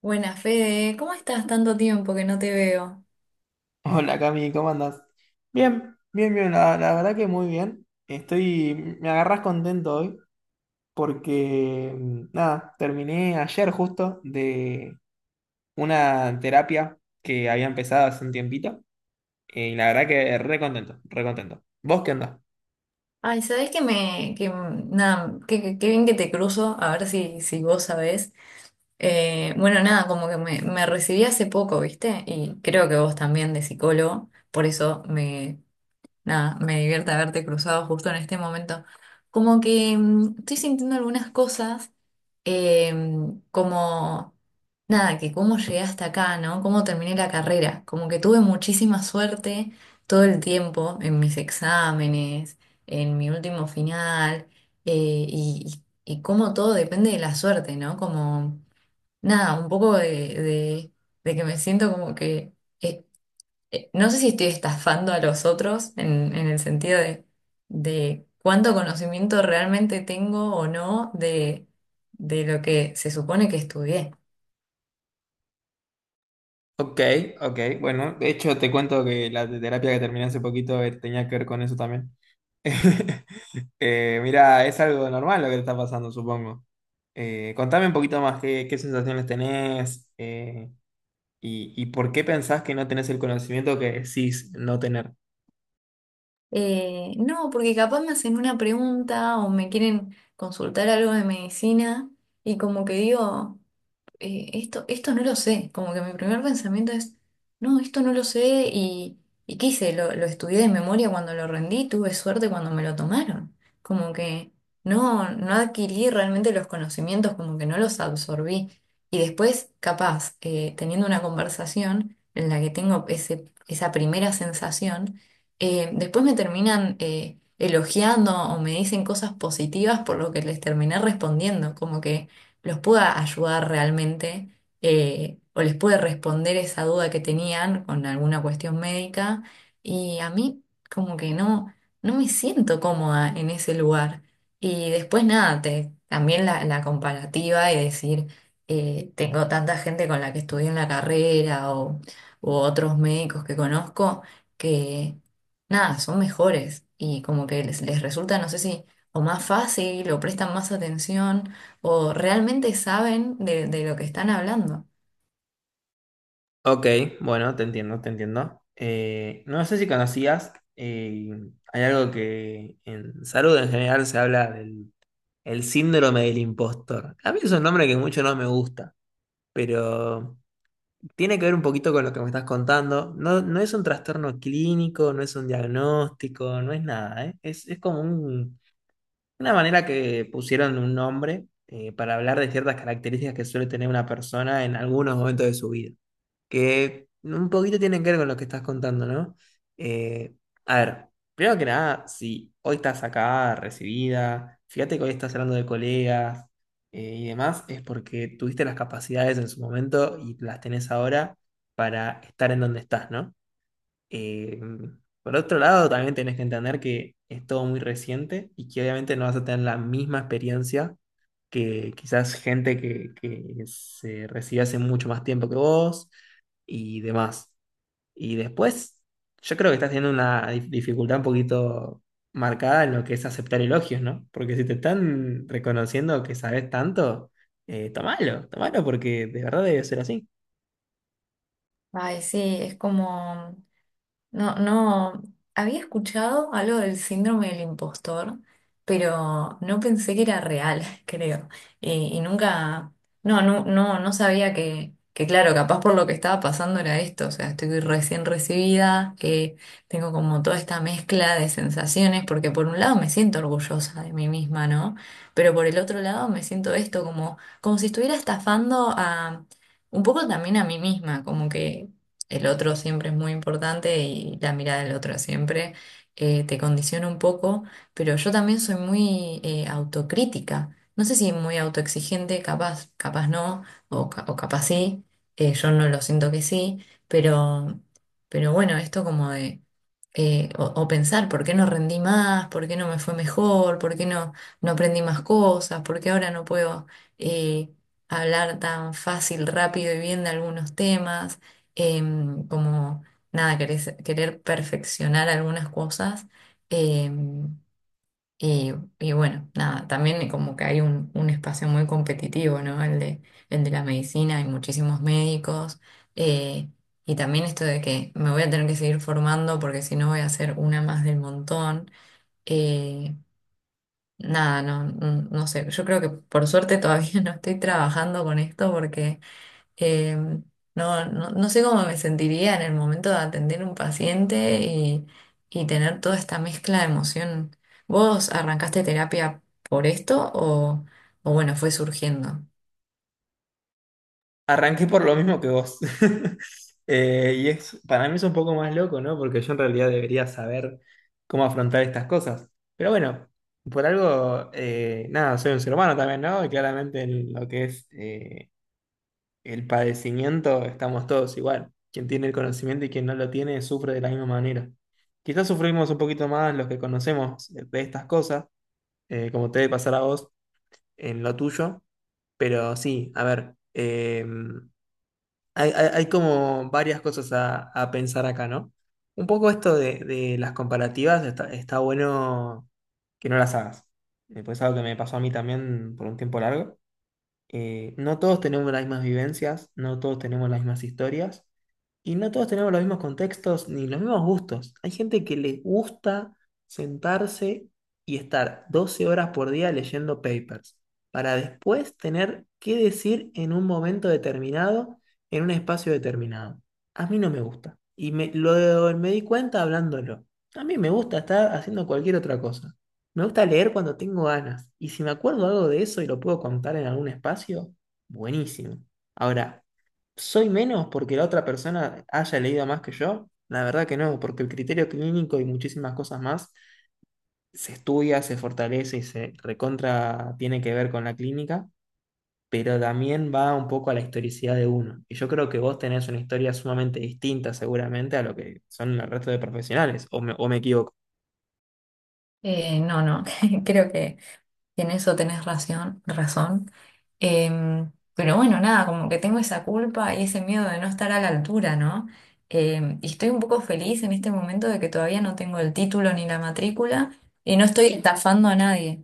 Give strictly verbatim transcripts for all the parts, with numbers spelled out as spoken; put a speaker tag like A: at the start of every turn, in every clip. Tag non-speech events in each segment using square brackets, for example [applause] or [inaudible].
A: Buenas, Fede, ¿cómo estás? Tanto tiempo que no te veo.
B: Hola Cami, ¿cómo andas? Bien, bien, bien, la, la verdad que muy bien. Estoy, me agarras contento hoy porque, mm, nada, terminé ayer justo de una terapia que había empezado hace un tiempito, eh, y la verdad que re contento, re contento. ¿Vos qué andás?
A: Ay, ¿sabés que me, que, mm, nada, qué qué- qué bien que te cruzo, a ver si, si vos sabés? Eh, bueno, nada, como que me, me recibí hace poco, ¿viste? Y creo que vos también de psicólogo, por eso me, nada, me divierte haberte cruzado justo en este momento. Como que mm, estoy sintiendo algunas cosas em, como, nada, que cómo llegué hasta acá, ¿no? Cómo terminé la carrera. Como que tuve muchísima suerte todo el tiempo en mis exámenes, en mi último final, eh, y, y, y cómo todo depende de la suerte, ¿no? Como, nada, un poco de, de, de que me siento como que... eh, eh, no sé si estoy estafando a los otros en, en el sentido de, de cuánto conocimiento realmente tengo o no de, de lo que se supone que estudié.
B: Ok, ok, bueno, de hecho te cuento que la terapia que terminé hace poquito eh, tenía que ver con eso también. [laughs] Eh, mira, es algo normal lo que te está pasando, supongo. Eh, contame un poquito más qué, qué sensaciones tenés, eh, y, y por qué pensás que no tenés el conocimiento que decís no tener.
A: Eh, no, porque capaz me hacen una pregunta o me quieren consultar algo de medicina y como que digo... eh, esto, esto no lo sé. Como que mi primer pensamiento es, no, esto no lo sé y, y ¿qué hice? Lo, lo estudié de memoria cuando lo rendí, tuve suerte cuando me lo tomaron. Como que no, no adquirí realmente los conocimientos, como que no los absorbí. Y después, capaz, eh, teniendo una conversación en la que tengo ese, esa primera sensación, eh, después me terminan eh, elogiando o me dicen cosas positivas por lo que les terminé respondiendo. Como que los pueda ayudar realmente eh, o les puede responder esa duda que tenían con alguna cuestión médica. Y a mí como que no, no me siento cómoda en ese lugar. Y después nada, te- también la, la comparativa y decir, eh, tengo tanta gente con la que estudié en la carrera o u otros médicos que conozco que nada, son mejores y como que les, les resulta, no sé si, o más fácil o prestan más atención o realmente saben de, de lo que están hablando.
B: Ok, bueno, te entiendo, te entiendo. Eh, no sé si conocías, eh, hay algo que en salud en general se habla del el síndrome del impostor. A mí es un nombre que mucho no me gusta, pero tiene que ver un poquito con lo que me estás contando. No, no es un trastorno clínico, no es un diagnóstico, no es nada, ¿eh? Es, es como un- una manera que pusieron un nombre, eh, para hablar de ciertas características que suele tener una persona en algunos momentos de su vida que un poquito tienen que ver con lo que estás contando, ¿no? Eh, a ver, primero que nada, si hoy estás acá, recibida, fíjate que hoy estás hablando de colegas, eh, y demás, es porque tuviste las capacidades en su momento y las tenés ahora para estar en donde estás, ¿no? Eh, por otro lado, también tenés que entender que es todo muy reciente y que obviamente no vas a tener la misma experiencia que quizás gente que, que se recibe hace mucho más tiempo que vos y demás. Y después, yo creo que estás teniendo una dif- dificultad un poquito marcada en lo que es aceptar elogios, ¿no? Porque si te están reconociendo que sabes tanto, eh, tomalo, tomalo porque de verdad debe ser así.
A: Ay, sí, es como, no, no, había escuchado algo del síndrome del impostor, pero no pensé que era real, [laughs] creo. Y, y nunca, no, no, no, no sabía que, que, claro, capaz por lo que estaba pasando era esto. O sea, estoy recién recibida, eh, tengo como toda esta mezcla de sensaciones, porque por un lado me siento orgullosa de mí misma, ¿no? Pero por el otro lado me siento esto como, como si estuviera estafando a... Un poco también a mí misma, como que el otro siempre es muy importante y la mirada del otro siempre eh, te condiciona un poco, pero yo también soy muy eh, autocrítica. No sé si muy autoexigente, capaz, capaz no, o, ca- o capaz sí, eh, yo no lo siento que sí, pero, pero bueno, esto como de, eh, o, o pensar, ¿por qué no rendí más? ¿Por qué no me fue mejor? ¿Por qué no, no aprendí más cosas? ¿Por qué ahora no puedo... eh, hablar tan fácil, rápido y bien de algunos temas em, como nada, querer, querer perfeccionar algunas cosas. em, y, y bueno, nada, también como que hay un, un espacio muy competitivo, ¿no? El de, el de la medicina, hay muchísimos médicos. eh, y también esto de que me voy a tener que seguir formando porque si no voy a ser una más del montón. eh, Nada, no, no no sé. Yo creo que por suerte todavía [laughs] no estoy trabajando con esto porque eh, no, no, no sé cómo me sentiría en el momento de atender un paciente y, y tener toda esta mezcla de emoción. ¿Vos arrancaste terapia por esto o, o bueno, fue surgiendo?
B: Arranqué por lo mismo que vos. [laughs] Eh, y es, para mí es un poco más loco, ¿no? Porque yo en realidad debería saber cómo afrontar estas cosas. Pero bueno, por algo, eh, nada, soy un ser humano también, ¿no? Y claramente en lo que es, eh, el padecimiento estamos todos igual. Quien tiene el conocimiento y quien no lo tiene sufre de la misma manera. Quizás sufrimos un poquito más los que conocemos, eh, de estas cosas, eh, como te debe pasar a vos en lo tuyo. Pero sí, a ver, em, hay, hay- hay como varias cosas a, a pensar acá, ¿no? Un poco esto de, de las comparativas, está, está bueno que no las hagas. Eh, Pues es algo que me pasó a mí también por un tiempo largo, eh, no todos tenemos las mismas vivencias, no todos tenemos las mismas historias y no todos tenemos los mismos contextos ni los mismos gustos. Hay gente que le gusta sentarse y estar doce horas por día leyendo papers para después tener qué decir en un momento determinado, en un espacio determinado. A mí no me gusta y me, lo, me di cuenta hablándolo. A mí me gusta estar haciendo cualquier otra cosa. Me gusta leer cuando tengo ganas. Y si me acuerdo algo de eso y lo puedo contar en algún espacio, buenísimo. Ahora, ¿soy menos porque la otra persona haya leído más que yo? La verdad que no, porque el criterio clínico y muchísimas cosas más se estudia, se fortalece y se recontra tiene que ver con la clínica, pero también va un poco a la historicidad de uno. Y yo creo que vos tenés una historia sumamente distinta seguramente a lo que son el resto de profesionales, o me, o me equivoco.
A: Eh, no, no, [laughs] creo que en eso tenés razón, razón. Em, pero bueno, nada, como que tengo esa culpa y ese miedo de no estar a la altura, ¿no? Em, y estoy un poco feliz en este momento de que todavía no tengo el título ni la matrícula y no estoy estafando a nadie.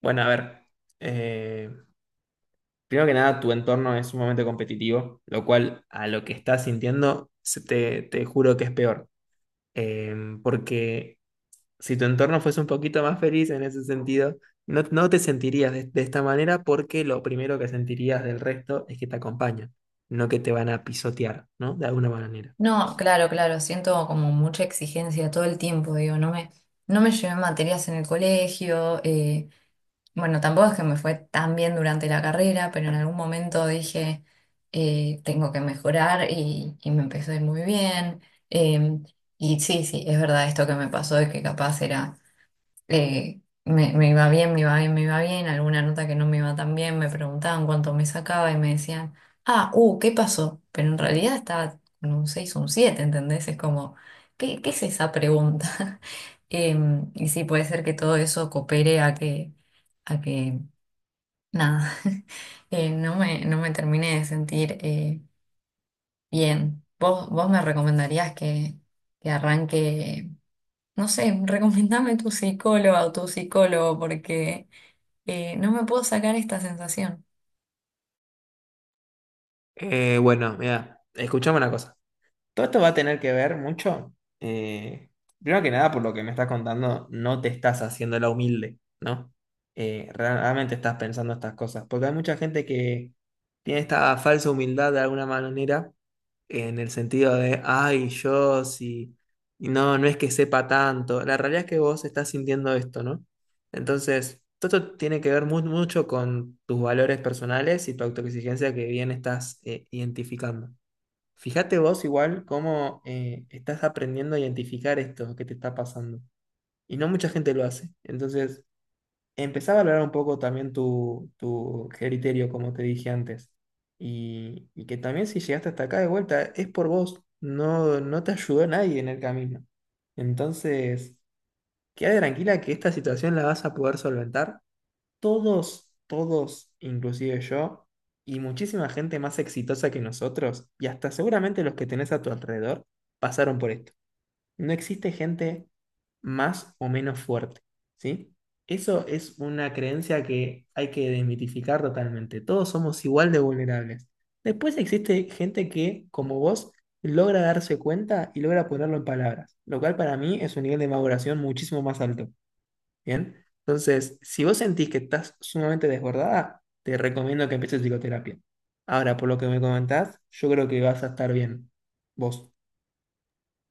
B: Bueno, a ver. eh, Primero que nada, tu entorno es sumamente competitivo, lo cual a lo que estás sintiendo, se- te, te juro que es peor. Eh, Porque si tu entorno fuese un poquito más feliz en ese sentido, no, no te sentirías de, de esta manera porque lo primero que sentirías del resto es que te acompañan, no que te van a pisotear, ¿no? De alguna manera.
A: No, claro, claro, siento como mucha exigencia todo el tiempo, digo, no me, no me llevé materias en el colegio, eh, bueno, tampoco es que me fue tan bien durante la carrera, pero en algún momento dije, eh, tengo que mejorar y, y me empezó a ir muy bien. eh, y sí, sí, es verdad esto que me pasó de que capaz era eh, me, me iba bien, me iba bien, me iba bien, alguna nota que no me iba tan bien, me preguntaban cuánto me sacaba y me decían, ah, uh, ¿qué pasó? Pero en realidad estaba con un seis o un siete, ¿entendés? Es como, ¿qué, qué es esa pregunta? [laughs] Em, y sí, puede ser que todo eso coopere a que, a que nada, [laughs] eh, no me, no me termine de sentir eh, bien. ¿Vos, vos me recomendarías que, que arranque? No sé, [laughs] recomendame tu psicóloga o tu psicólogo porque eh, no me puedo sacar esta sensación.
B: Eh, bueno, mira, escuchame una cosa. Todo esto va a tener que ver mucho. eh, Primero que nada, por lo que me estás contando, no te estás haciendo la humilde, ¿no? Eh, realmente estás pensando estas cosas. Porque hay mucha gente que tiene esta falsa humildad de alguna manera, en el sentido de, ay, yo sí, y no, no es que sepa tanto. La realidad es que vos estás sintiendo esto, ¿no? Entonces, todo esto tiene que ver mu- mucho con tus valores personales y tu autoexigencia que bien estás, eh, identificando. Fíjate vos igual cómo, eh, estás aprendiendo a identificar esto que te está pasando. Y no mucha gente lo hace. Entonces, empezá a valorar un poco también tu, tu criterio, como te dije antes. Y, y que también si llegaste hasta acá de vuelta, es por vos. No, no te ayudó nadie en el camino. Entonces, quédate tranquila que esta situación la vas a poder solventar todos, todos, inclusive yo, y muchísima gente más exitosa que nosotros, y hasta seguramente los que tenés a tu alrededor, pasaron por esto. No existe gente más o menos fuerte, ¿sí? Eso es una creencia que hay que desmitificar totalmente. Todos somos igual de vulnerables. Después existe gente que, como vos, logra darse cuenta y logra ponerlo en palabras, lo cual para mí es un nivel de maduración muchísimo más alto. ¿Bien? Entonces, si vos sentís que estás sumamente desbordada, te recomiendo que empieces psicoterapia. Ahora, por lo que me comentás, yo creo que vas a estar bien. Vos,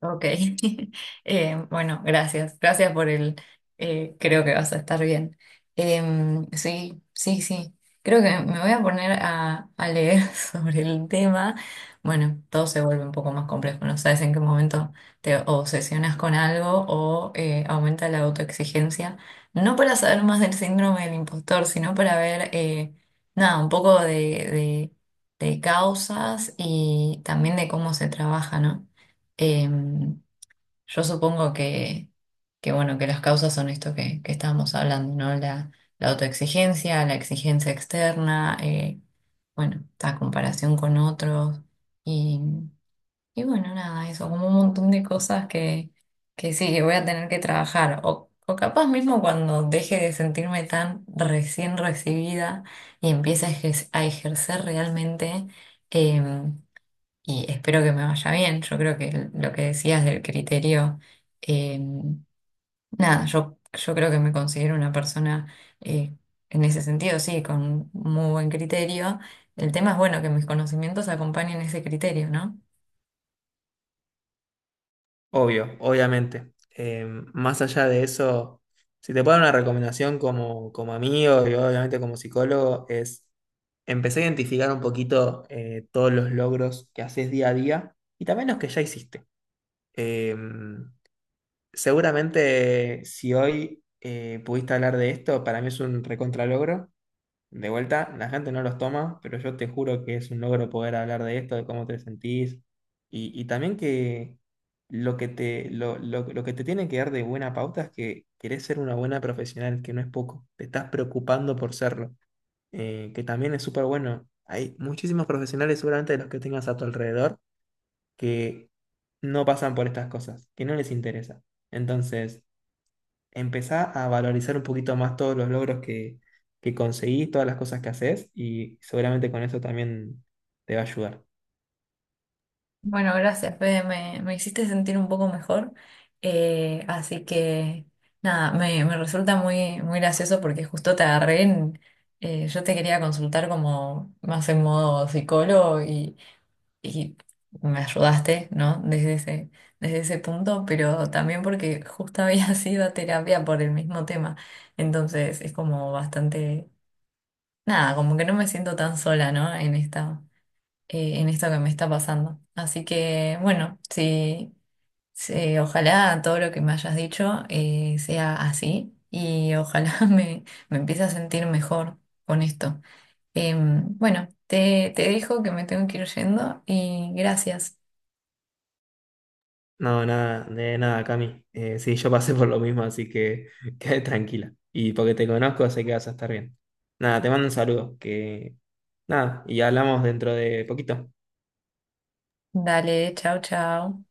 A: Ok, [laughs] Eh, bueno, gracias, gracias por el, eh, creo que vas a estar bien. Em, sí, sí, sí, creo que me voy a poner a, a leer [laughs] sobre el tema. Bueno, todo se vuelve un poco más complejo, no sabes en qué momento te obsesionas con algo o eh, aumenta la autoexigencia, no para saber más del síndrome del impostor, sino para ver, eh, nada, un poco de, de de causas y también de cómo se trabaja, ¿no? Eh, yo supongo que, que, bueno, que las causas son esto que, que estábamos hablando, ¿no? La, la autoexigencia, la exigencia externa, eh, bueno, la comparación con otros y, y bueno, nada, eso, como un montón de cosas que, que sí, que voy a tener que trabajar. O, o capaz mismo cuando deje de sentirme tan recién recibida y empiece a ejer- a ejercer realmente. em, y espero que me vaya bien. Yo creo que el- lo que decías del criterio, eh, nada, yo, yo creo que me considero una persona eh, en ese sentido, sí, con muy buen criterio. El tema es, bueno, que mis conocimientos acompañen ese criterio, ¿no?
B: obvio, obviamente. Eh, más allá de eso, si te puedo dar una recomendación como, como amigo y obviamente como psicólogo, es empezar a identificar un poquito, eh, todos los logros que haces día a día y también los que ya hiciste. Eh, Seguramente si hoy, eh, pudiste hablar de esto, para mí es un recontralogro. De vuelta, la gente no los toma, pero yo te juro que es un logro poder hablar de esto, de cómo te sentís y, y también que lo que te, lo, lo- lo que te tiene que dar de buena pauta es que querés ser una buena profesional, que no es poco, te estás preocupando por serlo, eh, que también es súper bueno. Hay muchísimos profesionales, seguramente de los que tengas a tu alrededor, que no pasan por estas cosas, que no les interesa. Entonces empezá a valorizar un poquito más todos los logros que, que conseguís, todas las cosas que haces, y seguramente con eso también te va a ayudar.
A: Bueno, gracias, Fede, me, me hiciste sentir un poco mejor. Eh, así que, nada, me, me resulta muy, muy gracioso porque justo te agarré en... eh, yo te quería consultar como más en modo psicólogo y me ayudaste, ¿no? Desde ese, desde ese punto, pero también porque justo había [laughs] sido a terapia por el mismo tema. Entonces es como bastante, nada, como que no me siento tan sola, ¿no? En esta, eh, en esto que me está pasando. Así que, bueno, sí, sí, ojalá todo lo que me hayas dicho eh, sea así y ojalá [laughs] me, me empiece a sentir mejor con esto. Em, bueno, te, te dejo que me tengo que ir yendo y gracias.
B: No, nada, de nada, Cami. Eh, sí, yo pasé por lo mismo, así que [laughs] quédate tranquila. Y porque te conozco, sé que vas a estar bien. Nada, te mando un saludo, que nada, y hablamos dentro de poquito.
A: Dale, chao, chao.